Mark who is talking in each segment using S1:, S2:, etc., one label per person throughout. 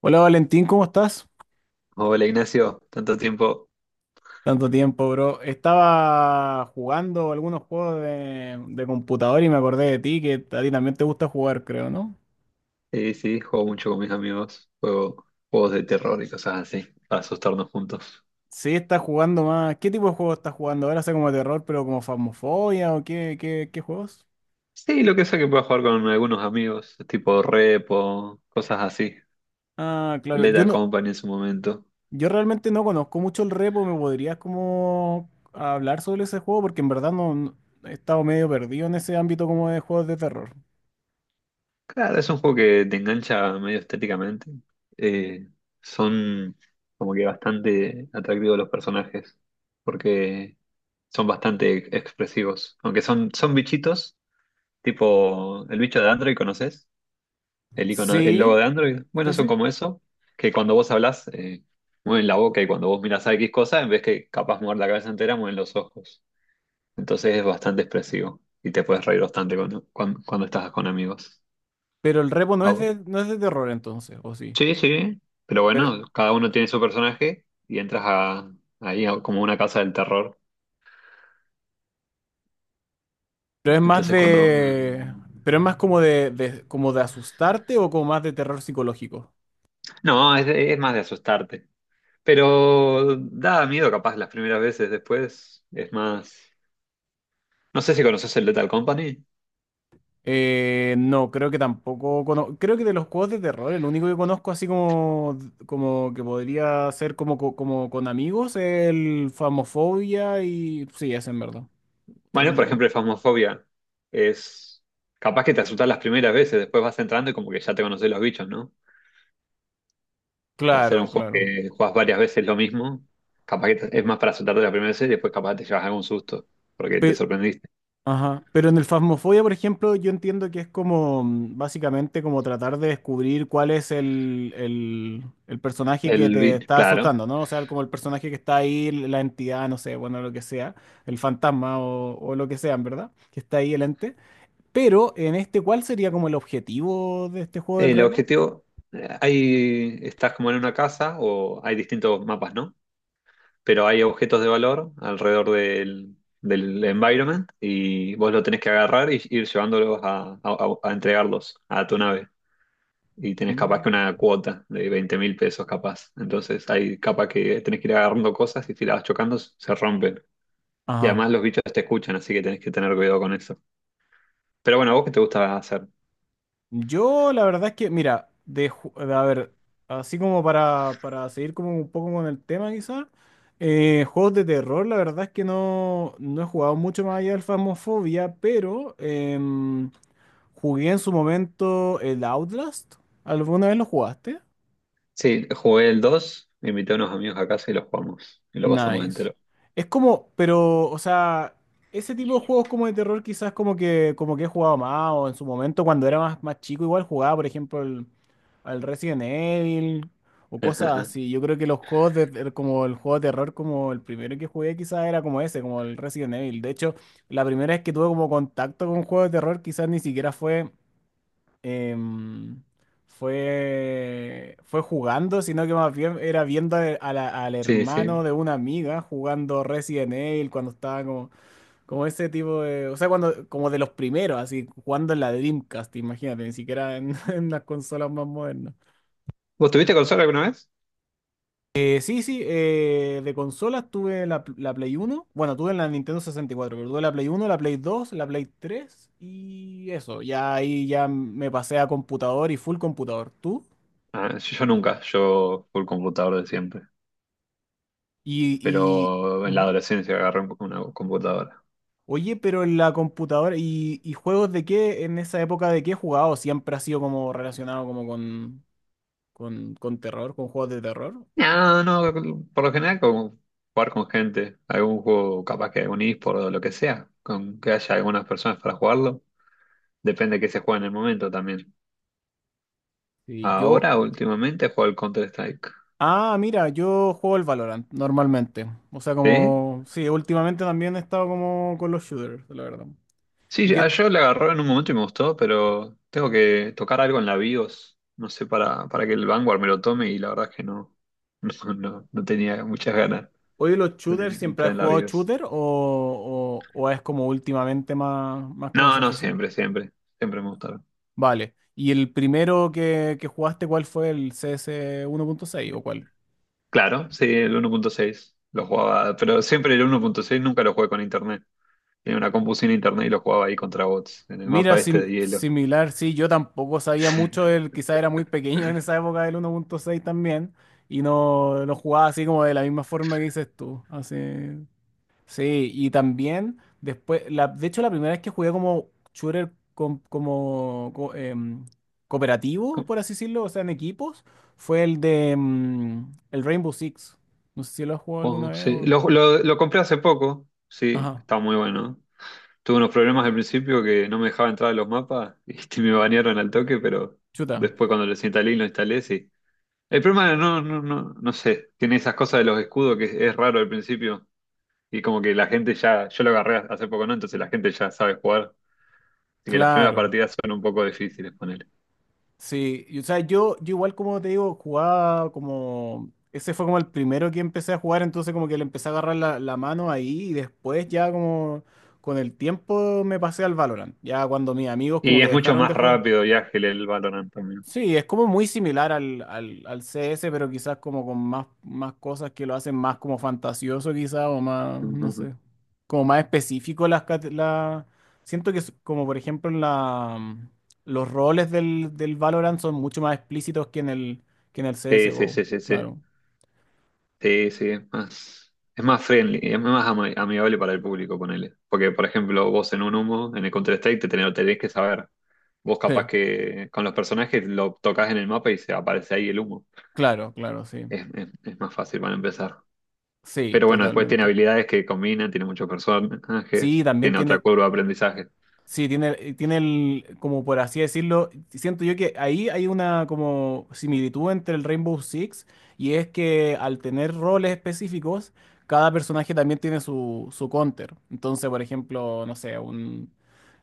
S1: Hola Valentín, ¿cómo estás?
S2: Hola Ignacio, tanto tiempo.
S1: Tanto tiempo, bro. Estaba jugando algunos juegos de computador y me acordé de ti, que a ti también te gusta jugar, creo, ¿no?
S2: Sí, sí, juego mucho con mis amigos, juego juegos de terror y cosas así, para asustarnos juntos.
S1: Sí, estás jugando más. ¿Qué tipo de juegos estás jugando? Ahora sé como terror, pero como Phasmophobia o qué juegos?
S2: Sí, lo que sea que pueda jugar con algunos amigos, tipo Repo, cosas así.
S1: Ah, claro.
S2: Lethal Company en su momento.
S1: Yo realmente no conozco mucho el repo. ¿Me podrías como hablar sobre ese juego? Porque en verdad he estado medio perdido en ese ámbito como de juegos de terror.
S2: Claro, es un juego que te engancha medio estéticamente. Eh, Son como que bastante atractivos los personajes, porque son bastante expresivos. Aunque son bichitos, tipo el bicho de Android, ¿conoces? El icono, el logo
S1: Sí,
S2: de Android. Bueno,
S1: sí,
S2: son
S1: sí.
S2: como eso, que cuando vos hablas, mueven la boca y cuando vos miras a X cosa, en vez que capaz mover la cabeza entera, mueven los ojos. Entonces es bastante expresivo y te puedes reír bastante cuando estás con amigos.
S1: Pero el repo no
S2: ¿A
S1: es
S2: vos?
S1: de, no es de terror entonces, ¿o sí?
S2: Sí, sí, pero
S1: Pero,
S2: bueno, cada uno tiene su personaje y entras a, como una casa del terror.
S1: pero es más
S2: Entonces cuando...
S1: de.
S2: mm,
S1: Pero es más como como de asustarte o como más de terror psicológico.
S2: No, es, es más de asustarte. Pero da miedo capaz las primeras veces, después es más. No sé si conoces el Lethal Company.
S1: No, creo que tampoco. Creo que de los juegos de terror, el único que conozco así como, como que podría ser como con amigos, es el Famofobia y. Sí, ese en verdad. Otros
S2: Bueno, por
S1: no.
S2: ejemplo, el Phasmophobia es capaz que te asustas las primeras veces, después vas entrando y como que ya te conoces los bichos, ¿no? Hacer un
S1: Claro,
S2: juego
S1: claro.
S2: que juegas varias veces lo mismo, capaz que es más para asustarte la primera vez y después capaz te llevas algún susto, porque te
S1: Pe-
S2: sorprendiste.
S1: Ajá. Pero en el Phasmophobia, por ejemplo, yo entiendo que es como, básicamente como tratar de descubrir cuál es el personaje que te está
S2: Claro.
S1: asustando, ¿no? O sea, como el personaje que está ahí, la entidad, no sé, bueno, lo que sea, el fantasma o lo que sea, en verdad, que está ahí el ente. Pero en este, ¿cuál sería como el objetivo de este juego del
S2: El
S1: repo?
S2: objetivo, estás como en una casa o hay distintos mapas, ¿no? Pero hay objetos de valor alrededor del environment y vos lo tenés que agarrar y ir llevándolos a entregarlos a tu nave. Y tenés capaz que
S1: Mm.
S2: una cuota de 20.000 pesos capaz. Entonces hay capaz que tenés que ir agarrando cosas y si las vas chocando se rompen. Y
S1: Ajá.
S2: además los bichos te escuchan, así que tenés que tener cuidado con eso. Pero bueno, ¿a vos qué te gusta hacer?
S1: Yo, la verdad es que, mira, a ver, así como para seguir como un poco con el tema quizás, juegos de terror, la verdad es que no he jugado mucho más allá del Phasmophobia, pero jugué en su momento el Outlast. ¿Alguna vez lo jugaste?
S2: Sí, jugué el dos, invité a unos amigos a casa y los jugamos. Y lo pasamos
S1: Nice.
S2: entero.
S1: Es como, pero, o sea, ese tipo de juegos como de terror quizás como que he jugado más, o en su momento cuando era más, más chico igual jugaba, por ejemplo, al Resident Evil o cosas así. Yo creo que los juegos como el juego de terror, como el primero que jugué quizás era como ese, como el Resident Evil. De hecho, la primera vez que tuve como contacto con un juego de terror quizás ni siquiera em, fue jugando, sino que más bien era viendo al
S2: Sí,
S1: hermano
S2: sí.
S1: de una amiga jugando Resident Evil cuando estaba como, como ese tipo de, o sea, cuando, como de los primeros, así, jugando en la Dreamcast, imagínate, ni siquiera en, en las consolas más modernas.
S2: ¿Vos tuviste consola alguna vez?
S1: Sí, sí, de consolas tuve la Play Uno, bueno, tuve la Nintendo 64, pero tuve la Play Uno, la Play Dos, la Play Tres, y eso, ya ahí ya me pasé a computador y full computador. ¿Tú?
S2: Ah, yo nunca, yo el computador de siempre.
S1: Y, y-
S2: Pero en la
S1: ujú.
S2: adolescencia agarré un poco una computadora.
S1: Oye, pero en la computadora, ¿y juegos de qué, en esa época de qué he jugado? ¿Siempre ha sido como relacionado como con terror, con juegos de terror?
S2: No, no, por lo general como jugar con gente, algún juego, capaz que algún eSport o lo que sea, con que haya algunas personas para jugarlo, depende de qué se juega en el momento también.
S1: Y yo,
S2: Ahora, últimamente, juego al Counter-Strike.
S1: ah, mira, yo juego el Valorant normalmente. O sea,
S2: ¿Sí?
S1: como, sí, últimamente también he estado como con los shooters, la verdad. ¿Y
S2: Sí, a
S1: qué,
S2: yo le agarró en un momento y me gustó, pero tengo que tocar algo en la BIOS, no sé, para que el Vanguard me lo tome y la verdad es que no, no tenía muchas ganas
S1: ¿Hoy los
S2: de
S1: shooters, siempre
S2: entrar
S1: has
S2: en la
S1: jugado
S2: BIOS.
S1: shooter o es como últimamente más, más como
S2: No,
S1: esa
S2: no,
S1: afición?
S2: siempre me gustó.
S1: Vale. ¿Y el primero que jugaste, cuál fue el CS 1.6 o cuál?
S2: Claro, sí, el 1.6 lo jugaba, pero siempre el 1.6 nunca lo jugué con internet. Tenía una compu sin internet y lo jugaba ahí contra bots, en el
S1: Mira,
S2: mapa este de hielo.
S1: similar, sí, yo tampoco sabía mucho, él quizá era muy pequeño en esa época del 1.6 también, y no lo jugaba así como de la misma forma que dices tú. Así. Sí, y también después, de hecho la primera vez que jugué como shooter cooperativo, por así decirlo, o sea, en equipos, fue el Rainbow Six. No sé si lo has jugado alguna
S2: Oh,
S1: vez
S2: sí.
S1: o...
S2: Lo compré hace poco, sí,
S1: Ajá,
S2: está muy bueno. Tuve unos problemas al principio que no me dejaba entrar a los mapas y este, me banearon al toque, pero
S1: chuta,
S2: después cuando lo instalé y lo instalé, sí. El problema no, sé, tiene esas cosas de los escudos que es raro al principio y como que la gente ya, yo lo agarré hace poco, ¿no? Entonces la gente ya sabe jugar. Así que las primeras
S1: claro.
S2: partidas son un poco difíciles poner.
S1: Sí, y, o sea, yo igual como te digo, jugaba como... Ese fue como el primero que empecé a jugar, entonces como que le empecé a agarrar la mano ahí y después ya como con el tiempo me pasé al Valorant, ya cuando mis amigos como
S2: Y
S1: que
S2: es mucho
S1: dejaron
S2: más
S1: de jugar.
S2: rápido y ágil el Valorant también.
S1: Sí, es como muy similar al CS, pero quizás como con más, más cosas que lo hacen más como fantasioso quizás, o más, no
S2: Ujú.
S1: sé, como más específico siento que es como por ejemplo en la, los roles del Valorant son mucho más explícitos que en el
S2: Sí, sí,
S1: CSGO,
S2: sí, sí, sí.
S1: claro.
S2: Sí, sí, es más friendly, amigable para el público, ponele. Porque, por ejemplo, vos en un humo, en el Counter-Strike, lo tenés que saber. Vos capaz
S1: Sí,
S2: que con los personajes lo tocas en el mapa y se aparece ahí el humo.
S1: claro, claro, sí.
S2: Es más fácil para empezar.
S1: Sí,
S2: Pero bueno, después tiene
S1: totalmente.
S2: habilidades que combinan, tiene muchos
S1: Sí,
S2: personajes,
S1: también
S2: tiene otra
S1: tiene,
S2: curva de aprendizaje.
S1: sí, tiene el, como por así decirlo, siento yo que ahí hay una como similitud entre el Rainbow Six, y es que al tener roles específicos, cada personaje también tiene su counter. Entonces, por ejemplo, no sé,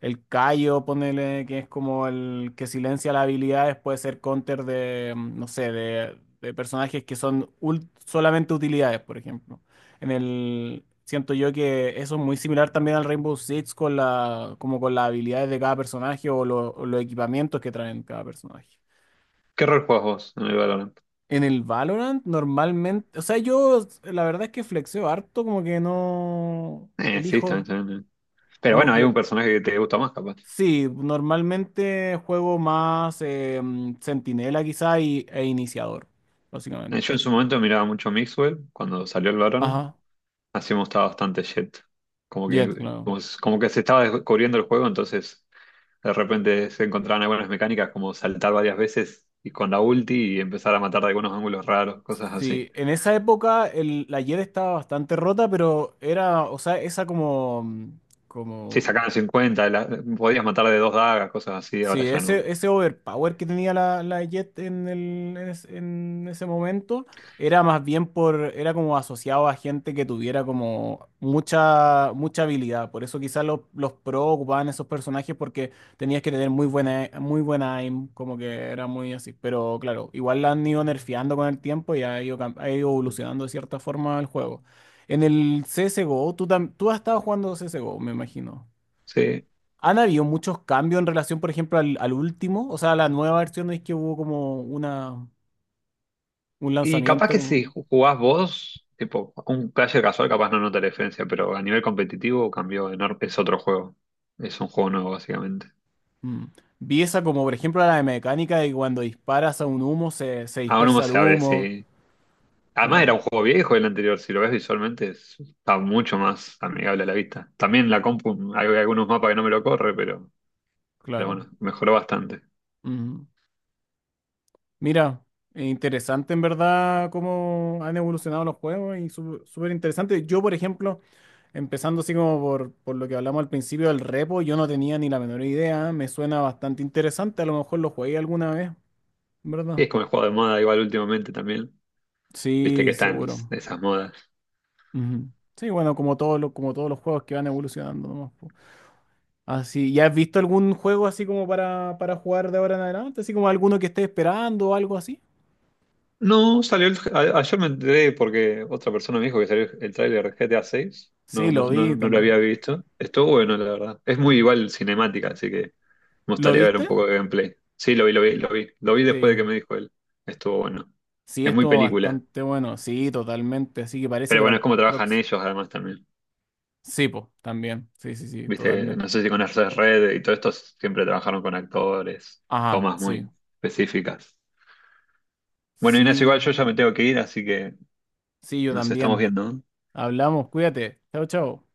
S1: el Kayo, ponele, que es como el que silencia las habilidades, puede ser counter de, no sé, de personajes que son solamente utilidades, por ejemplo. En el, siento yo que eso es muy similar también al Rainbow Six con como con las habilidades de cada personaje, o los equipamientos que traen cada personaje.
S2: ¿Qué rol jugás vos en el Valorant?
S1: En el Valorant normalmente, o sea, yo la verdad es que flexeo harto, como que no
S2: Sí, también,
S1: elijo,
S2: también. Pero
S1: como
S2: bueno, hay un
S1: que
S2: personaje que te gusta más, capaz.
S1: sí, normalmente juego más centinela quizá e iniciador, básicamente.
S2: Yo en su momento miraba mucho Mixwell cuando salió el Valorant.
S1: Ajá,
S2: Así me gustaba bastante Jett.
S1: Jet, claro.
S2: Como que se estaba descubriendo el juego, entonces de repente se encontraban algunas mecánicas como saltar varias veces y con la ulti y empezar a matar de algunos ángulos raros, cosas así.
S1: Sí, en esa época la Jet estaba bastante rota, pero era, o sea, esa como,
S2: Sí,
S1: como
S2: sacaban 50, podías matar de dos dagas, cosas así,
S1: sí,
S2: ahora ya no.
S1: ese overpower que tenía la Jet en el, en, es- en ese momento era más bien por, era como asociado a gente que tuviera como mucha, mucha habilidad. Por eso quizás los pro ocupaban esos personajes porque tenías que tener muy buena aim, como que era muy así. Pero claro, igual la han ido nerfeando con el tiempo y ha ido evolucionando de cierta forma el juego. En el CSGO, tú has estado jugando CSGO, me imagino.
S2: Sí.
S1: ¿Han habido muchos cambios en relación, por ejemplo, al último? O sea, la nueva versión es que hubo como un
S2: Y capaz
S1: lanzamiento.
S2: que si jugás vos, tipo, un player casual capaz no nota la diferencia, pero a nivel competitivo cambió enorme, es otro juego. Es un juego nuevo, básicamente.
S1: Mm. Vi esa como, por ejemplo, la de mecánica de que cuando disparas a un humo se
S2: Aún no
S1: dispersa el
S2: se abre,
S1: humo.
S2: sí. Además era
S1: Claro,
S2: un juego viejo el anterior, si lo ves visualmente está mucho más amigable a la vista. También la compu, hay algunos mapas que no me lo corre, pero,
S1: claro.
S2: bueno, mejoró bastante.
S1: Mm. Mira, interesante en verdad cómo han evolucionado los juegos y súper interesante. Yo, por ejemplo, empezando así como por lo que hablamos al principio del repo, yo no tenía ni la menor idea. Me suena bastante interesante. A lo mejor lo jugué alguna vez,
S2: Y
S1: ¿verdad?
S2: es como el juego de moda igual últimamente también. Viste
S1: Sí,
S2: que están
S1: seguro.
S2: esas modas.
S1: Ujú. Sí, bueno, como todos los juegos que van evolucionando nomás, po. Así, ¿ya has visto algún juego así como para jugar de ahora en adelante? Así como alguno que esté esperando o algo así.
S2: No, salió ayer me enteré porque otra persona me dijo que salió el tráiler de GTA 6.
S1: Sí, lo vi
S2: No lo había
S1: también.
S2: visto. Estuvo bueno, la verdad. Es muy igual cinemática, así que me
S1: ¿Lo
S2: gustaría ver un
S1: viste?
S2: poco de gameplay. Sí, lo vi, lo vi, lo vi. Lo vi después de
S1: Sí.
S2: que me dijo él. Estuvo bueno.
S1: Sí,
S2: Es muy
S1: estuvo
S2: película.
S1: bastante bueno. Sí, totalmente. Así que parece
S2: Pero
S1: que para
S2: bueno,
S1: el
S2: es como trabajan
S1: próximo.
S2: ellos además también.
S1: Sí, pues, también. Sí, sí, sí,
S2: Viste, no
S1: totalmente.
S2: sé si conoces Red y todo esto, siempre trabajaron con actores,
S1: Ajá,
S2: tomas
S1: sí.
S2: muy específicas. Bueno, Inés, igual
S1: Sí,
S2: yo ya me tengo que ir, así que
S1: sí, yo
S2: nos estamos
S1: también.
S2: viendo.
S1: Hablamos, cuídate. Chao, chao.